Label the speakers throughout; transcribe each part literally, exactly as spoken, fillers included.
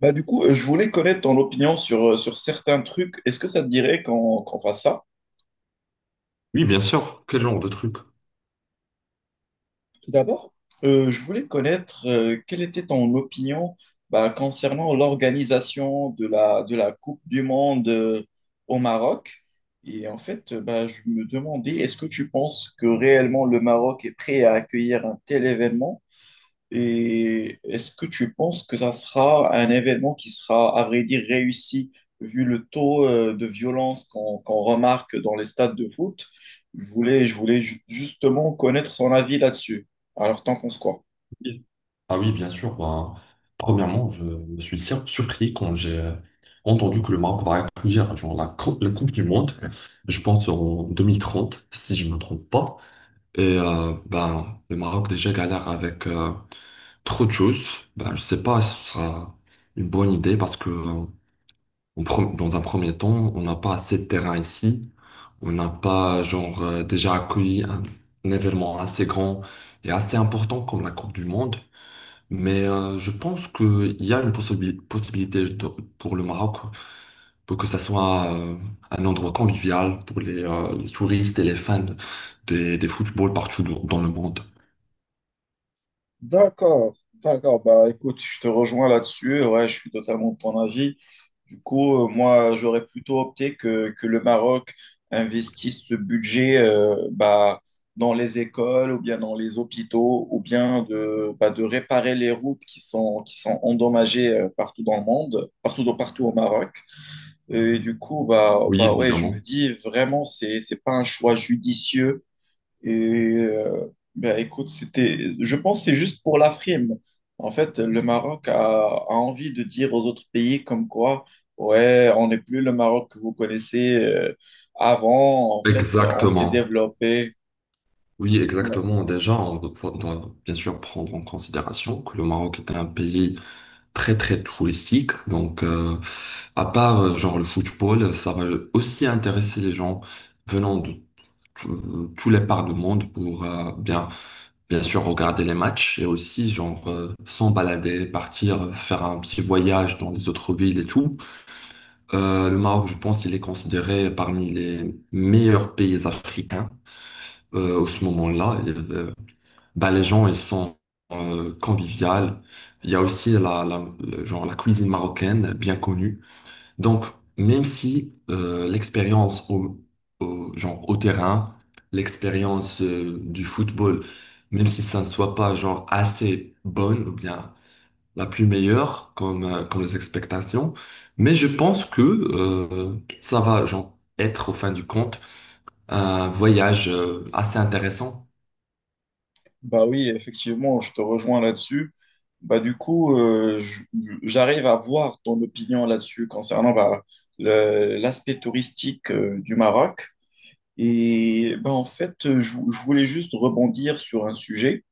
Speaker 1: Bah, du coup, euh, je voulais connaître ton opinion sur, euh, sur certains trucs. Est-ce que ça te dirait qu'on qu'on fasse ça?
Speaker 2: Oui, bien sûr. Quel genre de truc?
Speaker 1: Tout d'abord, euh, je voulais connaître euh, quelle était ton opinion bah, concernant l'organisation de la, de la Coupe du Monde euh, au Maroc. Et en fait, euh, bah, je me demandais, est-ce que tu penses que réellement le Maroc est prêt à accueillir un tel événement? Et est-ce que tu penses que ça sera un événement qui sera, à vrai dire, réussi vu le taux euh, de violence qu'on qu'on remarque dans les stades de foot? Je voulais, je voulais ju- justement connaître son avis là-dessus. Alors, tant qu'on se croit.
Speaker 2: Oui. Ah oui, bien sûr. Ben, premièrement, je me suis sur- surpris quand j'ai euh, entendu que le Maroc va accueillir genre, la, cou- la Coupe du Monde, je pense en deux mille trente, si je ne me trompe pas. Et euh, ben, le Maroc déjà galère avec euh, trop de choses. Ben, je ne sais pas si ce sera une bonne idée parce que euh, En pre- Dans un premier temps, on n'a pas assez de terrain ici. On n'a pas, genre, euh, déjà accueilli un, un événement assez grand et assez important comme la Coupe du Monde. Mais euh, je pense qu'il y a une possibi- possibilité de- pour le Maroc pour que ça soit euh, un endroit convivial pour les, euh, les touristes et les fans des, des footballs partout dans dans le monde.
Speaker 1: D'accord, d'accord. Bah écoute, je te rejoins là-dessus. Ouais, je suis totalement de ton avis. Du coup, euh, moi, j'aurais plutôt opté que, que le Maroc investisse ce budget euh, bah, dans les écoles ou bien dans les hôpitaux ou bien de, bah, de réparer les routes qui sont, qui sont endommagées euh, partout dans le monde, partout, dans- partout au Maroc. Et du coup, bah,
Speaker 2: Oui,
Speaker 1: bah ouais, je me
Speaker 2: évidemment.
Speaker 1: dis vraiment, c'est, c'est pas un choix judicieux et euh, ben, écoute, c'était, je pense que c'est juste pour la frime. En fait, le Maroc a, a envie de dire aux autres pays comme quoi, ouais, on n'est plus le Maroc que vous connaissez euh, avant. En fait, on s'est
Speaker 2: Exactement.
Speaker 1: développé.
Speaker 2: Oui,
Speaker 1: Ouais.
Speaker 2: exactement. Déjà, on doit, doit bien sûr prendre en considération que le Maroc est un pays très très touristique. Donc, euh, à part euh, genre le football, ça va aussi intéresser les gens venant de tout- tous les parts du monde pour euh, bien bien sûr regarder les matchs et aussi genre euh, s'en balader, partir, faire un petit voyage dans les autres villes et tout. Euh, le Maroc, je pense, il est considéré parmi les meilleurs pays africains. Euh, au ce moment-là, bah, les gens, ils sont euh, conviviales. Il y a aussi la, la- le- genre, la cuisine marocaine, bien connue. Donc, même si euh, l'expérience au, au- genre, au terrain, l'expérience euh, du football, même si ça ne soit pas genre, assez bonne ou bien la plus meilleure comme, euh, comme les expectations, mais je pense que euh, ça va genre, être, au fin du compte, un voyage euh, assez intéressant.
Speaker 1: Bah oui, effectivement, je te rejoins là-dessus. Bah du coup, euh, je- J'arrive à voir ton opinion là-dessus concernant bah, le- l'aspect touristique euh, du Maroc. Et ben, en fait, euh, je, vou- je voulais juste rebondir sur un sujet.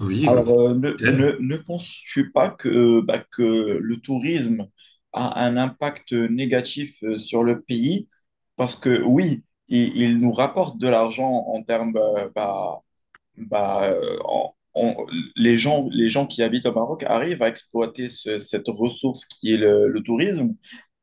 Speaker 2: Oui, euh,
Speaker 1: Alors, euh, ne, ne,
Speaker 2: nickel.
Speaker 1: ne penses-tu pas que, bah, que le tourisme a un impact négatif euh, sur le pays? Parce que oui, il, il nous rapporte de l'argent en termes euh, bah, bah, euh, en- on- les gens, les gens qui habitent au Maroc arrivent à exploiter ce- cette ressource qui est le, le tourisme,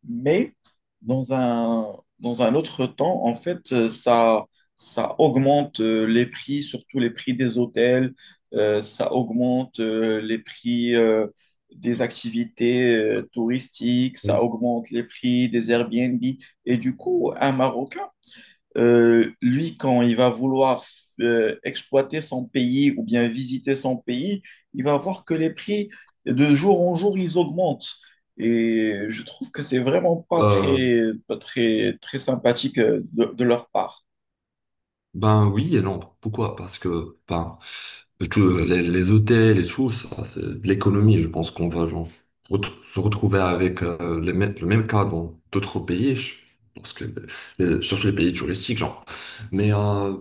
Speaker 1: mais dans un, dans un autre temps, en fait, euh, ça, ça augmente euh, les prix, surtout les prix des hôtels, euh, ça augmente euh, les prix euh, des activités euh, touristiques, ça augmente les prix des Airbnb. Et du coup, un Marocain, euh, lui, quand il va vouloir euh, exploiter son pays ou bien visiter son pays, il va voir que les prix, de jour en jour, ils augmentent. Et je trouve que c'est vraiment pas
Speaker 2: Euh,
Speaker 1: très, pas très, très sympathique euh, de, de leur part.
Speaker 2: ben oui et non. Pourquoi? Parce que ben, tout- les, les hôtels et tout, ça, c'est de l'économie. Je pense qu'on va genre, ret- se retrouver avec euh, les mê- le même cas dans d'autres pays, je- parce que les- surtout les pays touristiques, genre. Mais euh,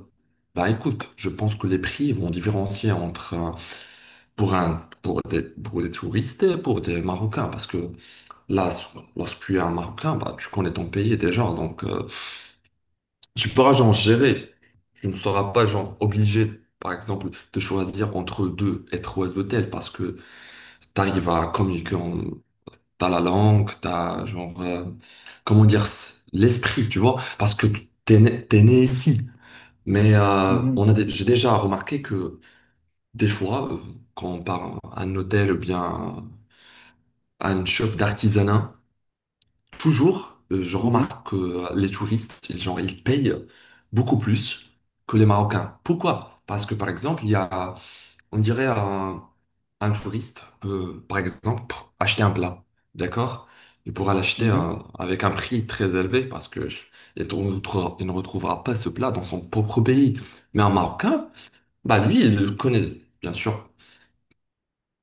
Speaker 2: ben, écoute, je pense que les prix vont différencier entre un- pour un pour des, pour des touristes et pour des Marocains, parce que là, s- lorsque tu es un Marocain, bah, tu connais ton pays déjà, donc. euh, Tu pourras genre gérer. Tu ne seras pas genre obligé, par exemple, de choisir entre deux être oiseau tel parce que tu arrives à communiquer, en... t'as la langue, t'as genre, euh, comment dire, s- l'esprit, tu vois, parce que t'es né, t'es né ici. Mais euh,
Speaker 1: Mhm.
Speaker 2: on a dé- j'ai déjà remarqué que des fois, euh, quand on part à un hôtel ou bien à une shop d'artisanat, toujours, euh, je
Speaker 1: Oui.
Speaker 2: remarque que les touristes, ils, genre, ils payent beaucoup plus que les Marocains. Pourquoi? Parce que, par exemple, il y a, on dirait, un, un touriste peut, par exemple, acheter un plat, d'accord? Il pourra l'acheter
Speaker 1: Mhm.
Speaker 2: euh, avec un prix très élevé parce que il ne il ne retrouvera pas ce plat dans son propre pays. Mais un Marocain, bah lui, il le connaît, bien sûr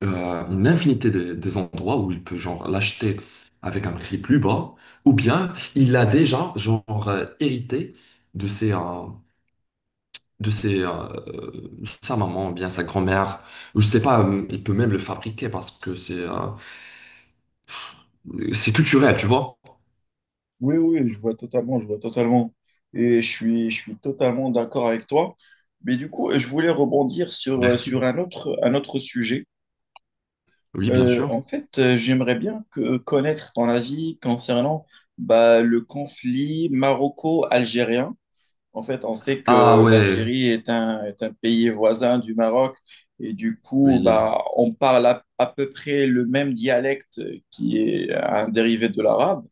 Speaker 2: euh, une infinité de- des endroits où il peut genre l'acheter avec un prix plus bas, ou bien il a déjà genre euh, hérité de ses, euh, de ses, euh, euh, sa maman, ou bien sa grand-mère, ou je sais pas, euh, il peut même le fabriquer parce que c'est euh, c'est culturel, tu vois.
Speaker 1: Oui, oui, je vois totalement, je vois totalement. Et je suis, je suis totalement d'accord avec toi. Mais du coup, je voulais rebondir sur, euh,
Speaker 2: Merci.
Speaker 1: sur un autre, un autre sujet.
Speaker 2: Oui, bien
Speaker 1: Euh, en
Speaker 2: sûr.
Speaker 1: fait, euh, j'aimerais bien que, euh, connaître ton avis concernant bah, le conflit maroco-algérien. En fait, on sait
Speaker 2: Ah
Speaker 1: que
Speaker 2: ouais,
Speaker 1: l'Algérie est un, est un pays voisin du Maroc. Et du coup,
Speaker 2: oui,
Speaker 1: bah, on parle à, à peu près le même dialecte qui est un dérivé de l'arabe.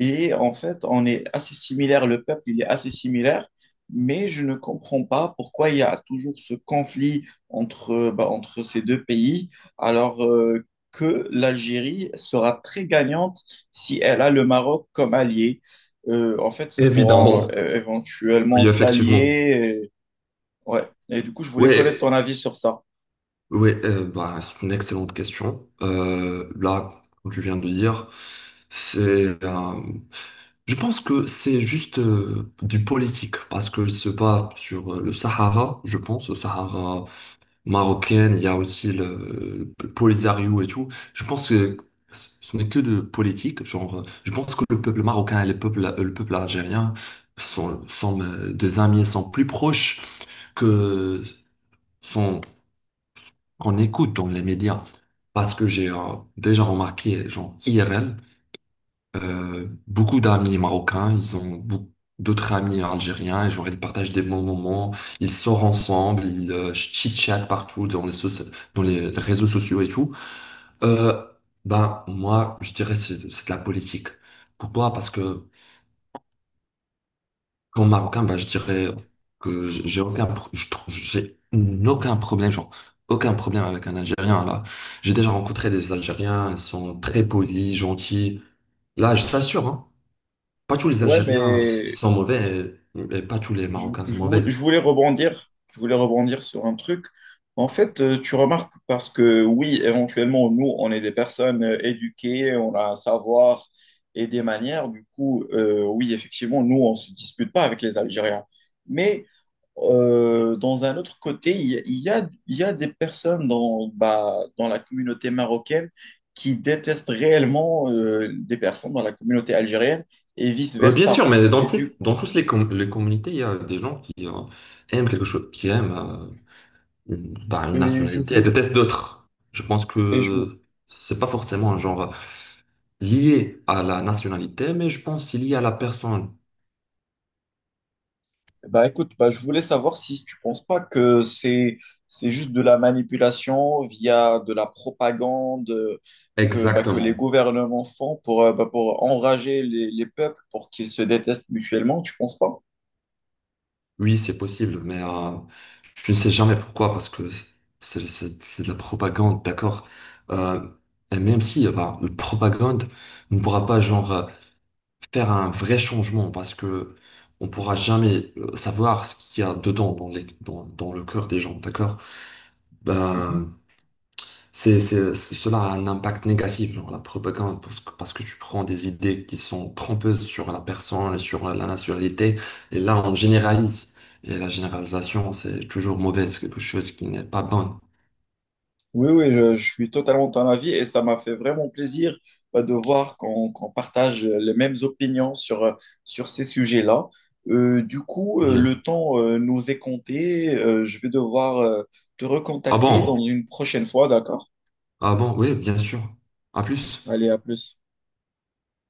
Speaker 1: Et en fait, on est assez similaire, le peuple, il est assez similaire, mais je ne comprends pas pourquoi il y a toujours ce conflit entre, bah, entre ces deux pays, alors euh, que l'Algérie sera très gagnante si elle a le Maroc comme allié. Euh, en fait, ils pourront
Speaker 2: évidemment.
Speaker 1: euh, éventuellement
Speaker 2: Oui, effectivement.
Speaker 1: s'allier. Euh, ouais. Et du coup, je voulais connaître
Speaker 2: Ouais,
Speaker 1: ton avis sur ça.
Speaker 2: oui, euh, bah, c'est une excellente question. Euh, là, comme tu viens de dire, c'est, euh, je pense que c'est juste euh, du politique parce que se bat sur euh, le Sahara, je pense, le Sahara marocain, il y a aussi le, le Polisario et tout. Je pense que ce ce n'est que de politique. Genre, euh, je pense que le peuple marocain et le peuple, euh, le peuple algérien sont, sont euh, des amis, sont plus proches que sont on écoute dans les médias. Parce que j'ai euh, déjà remarqué, genre I R L, euh, beaucoup d'amis marocains, ils ont beaucoup d'autres amis algériens, et genre ils partagent des bons moments, ils sortent ensemble, ils euh, chit-chatent partout dans les, soci- dans les réseaux sociaux et tout. Euh, ben, moi, je dirais c'est c'est de la politique. Pourquoi? Parce que comme Marocain, bah, je dirais que j'ai j'ai aucun, pro- je trouve- j'ai aucun problème, genre, aucun problème avec un Algérien, là. J'ai déjà rencontré des Algériens, ils sont très polis, gentils. Là, je t'assure, hein, pas tous les
Speaker 1: Ouais,
Speaker 2: Algériens s-
Speaker 1: mais
Speaker 2: sont mauvais et, et pas tous les
Speaker 1: Je,
Speaker 2: Marocains sont
Speaker 1: je
Speaker 2: mauvais.
Speaker 1: voulais, je voulais rebondir, je voulais rebondir sur un truc. En fait, euh, tu remarques parce que oui, éventuellement, nous, on est des personnes euh, éduquées, on a un savoir et des manières. Du coup, euh, oui, effectivement, nous, on ne se dispute pas avec les Algériens. Mais euh, dans un autre côté, il y a, il y a- il y a des personnes dans, bah, dans la communauté marocaine qui détestent réellement euh, des personnes dans la communauté algérienne et
Speaker 2: Euh, bien
Speaker 1: vice-versa.
Speaker 2: sûr, mais dans
Speaker 1: Et
Speaker 2: tous
Speaker 1: du
Speaker 2: dans
Speaker 1: coup,
Speaker 2: tous les, com- les communautés, il y a des gens qui euh, aiment quelque chose, qui aiment euh, une, bah, une
Speaker 1: et je
Speaker 2: nationalité et
Speaker 1: voulais-
Speaker 2: détestent d'autres. Je pense
Speaker 1: Et je vous,
Speaker 2: que c'est pas forcément un genre lié à la nationalité, mais je pense c'est lié à la personne.
Speaker 1: Bah écoute, bah je voulais savoir si tu penses pas que c'est c'est juste de la manipulation via de la propagande euh, que bah, que les
Speaker 2: Exactement.
Speaker 1: gouvernements font pour euh, bah, pour enrager les, les peuples pour qu'ils se détestent mutuellement. Tu penses pas?
Speaker 2: Oui, c'est possible, mais euh, je ne sais jamais pourquoi, parce que c'est c'est- c'est de la propagande, d'accord? Euh, et même si, euh, bah, la propagande ne pourra pas, genre, euh, faire un vrai changement, parce que on pourra jamais euh, savoir ce qu'il y a dedans, dans les, dans, dans le cœur des gens, d'accord?
Speaker 1: Mhm.
Speaker 2: Ben, C'est, c'est- c'est- cela a un impact négatif, genre la propagande, parce que, parce que tu prends des idées qui sont trompeuses sur la personne et sur la nationalité, et là, on généralise. Et la généralisation, c'est toujours mauvais, c'est quelque chose qui n'est pas bon.
Speaker 1: Oui, oui, je, je suis totalement de ton avis et ça m'a fait vraiment plaisir bah, de voir qu'on qu'on partage euh, les mêmes opinions sur, euh, sur ces sujets-là. Euh, du coup, euh, le
Speaker 2: Bien.
Speaker 1: temps euh, nous est compté. Euh, je vais devoir euh, te
Speaker 2: Ah
Speaker 1: recontacter dans
Speaker 2: bon?
Speaker 1: une prochaine fois, d'accord?
Speaker 2: Ah bon? Oui, bien sûr. À plus.
Speaker 1: Allez, à plus.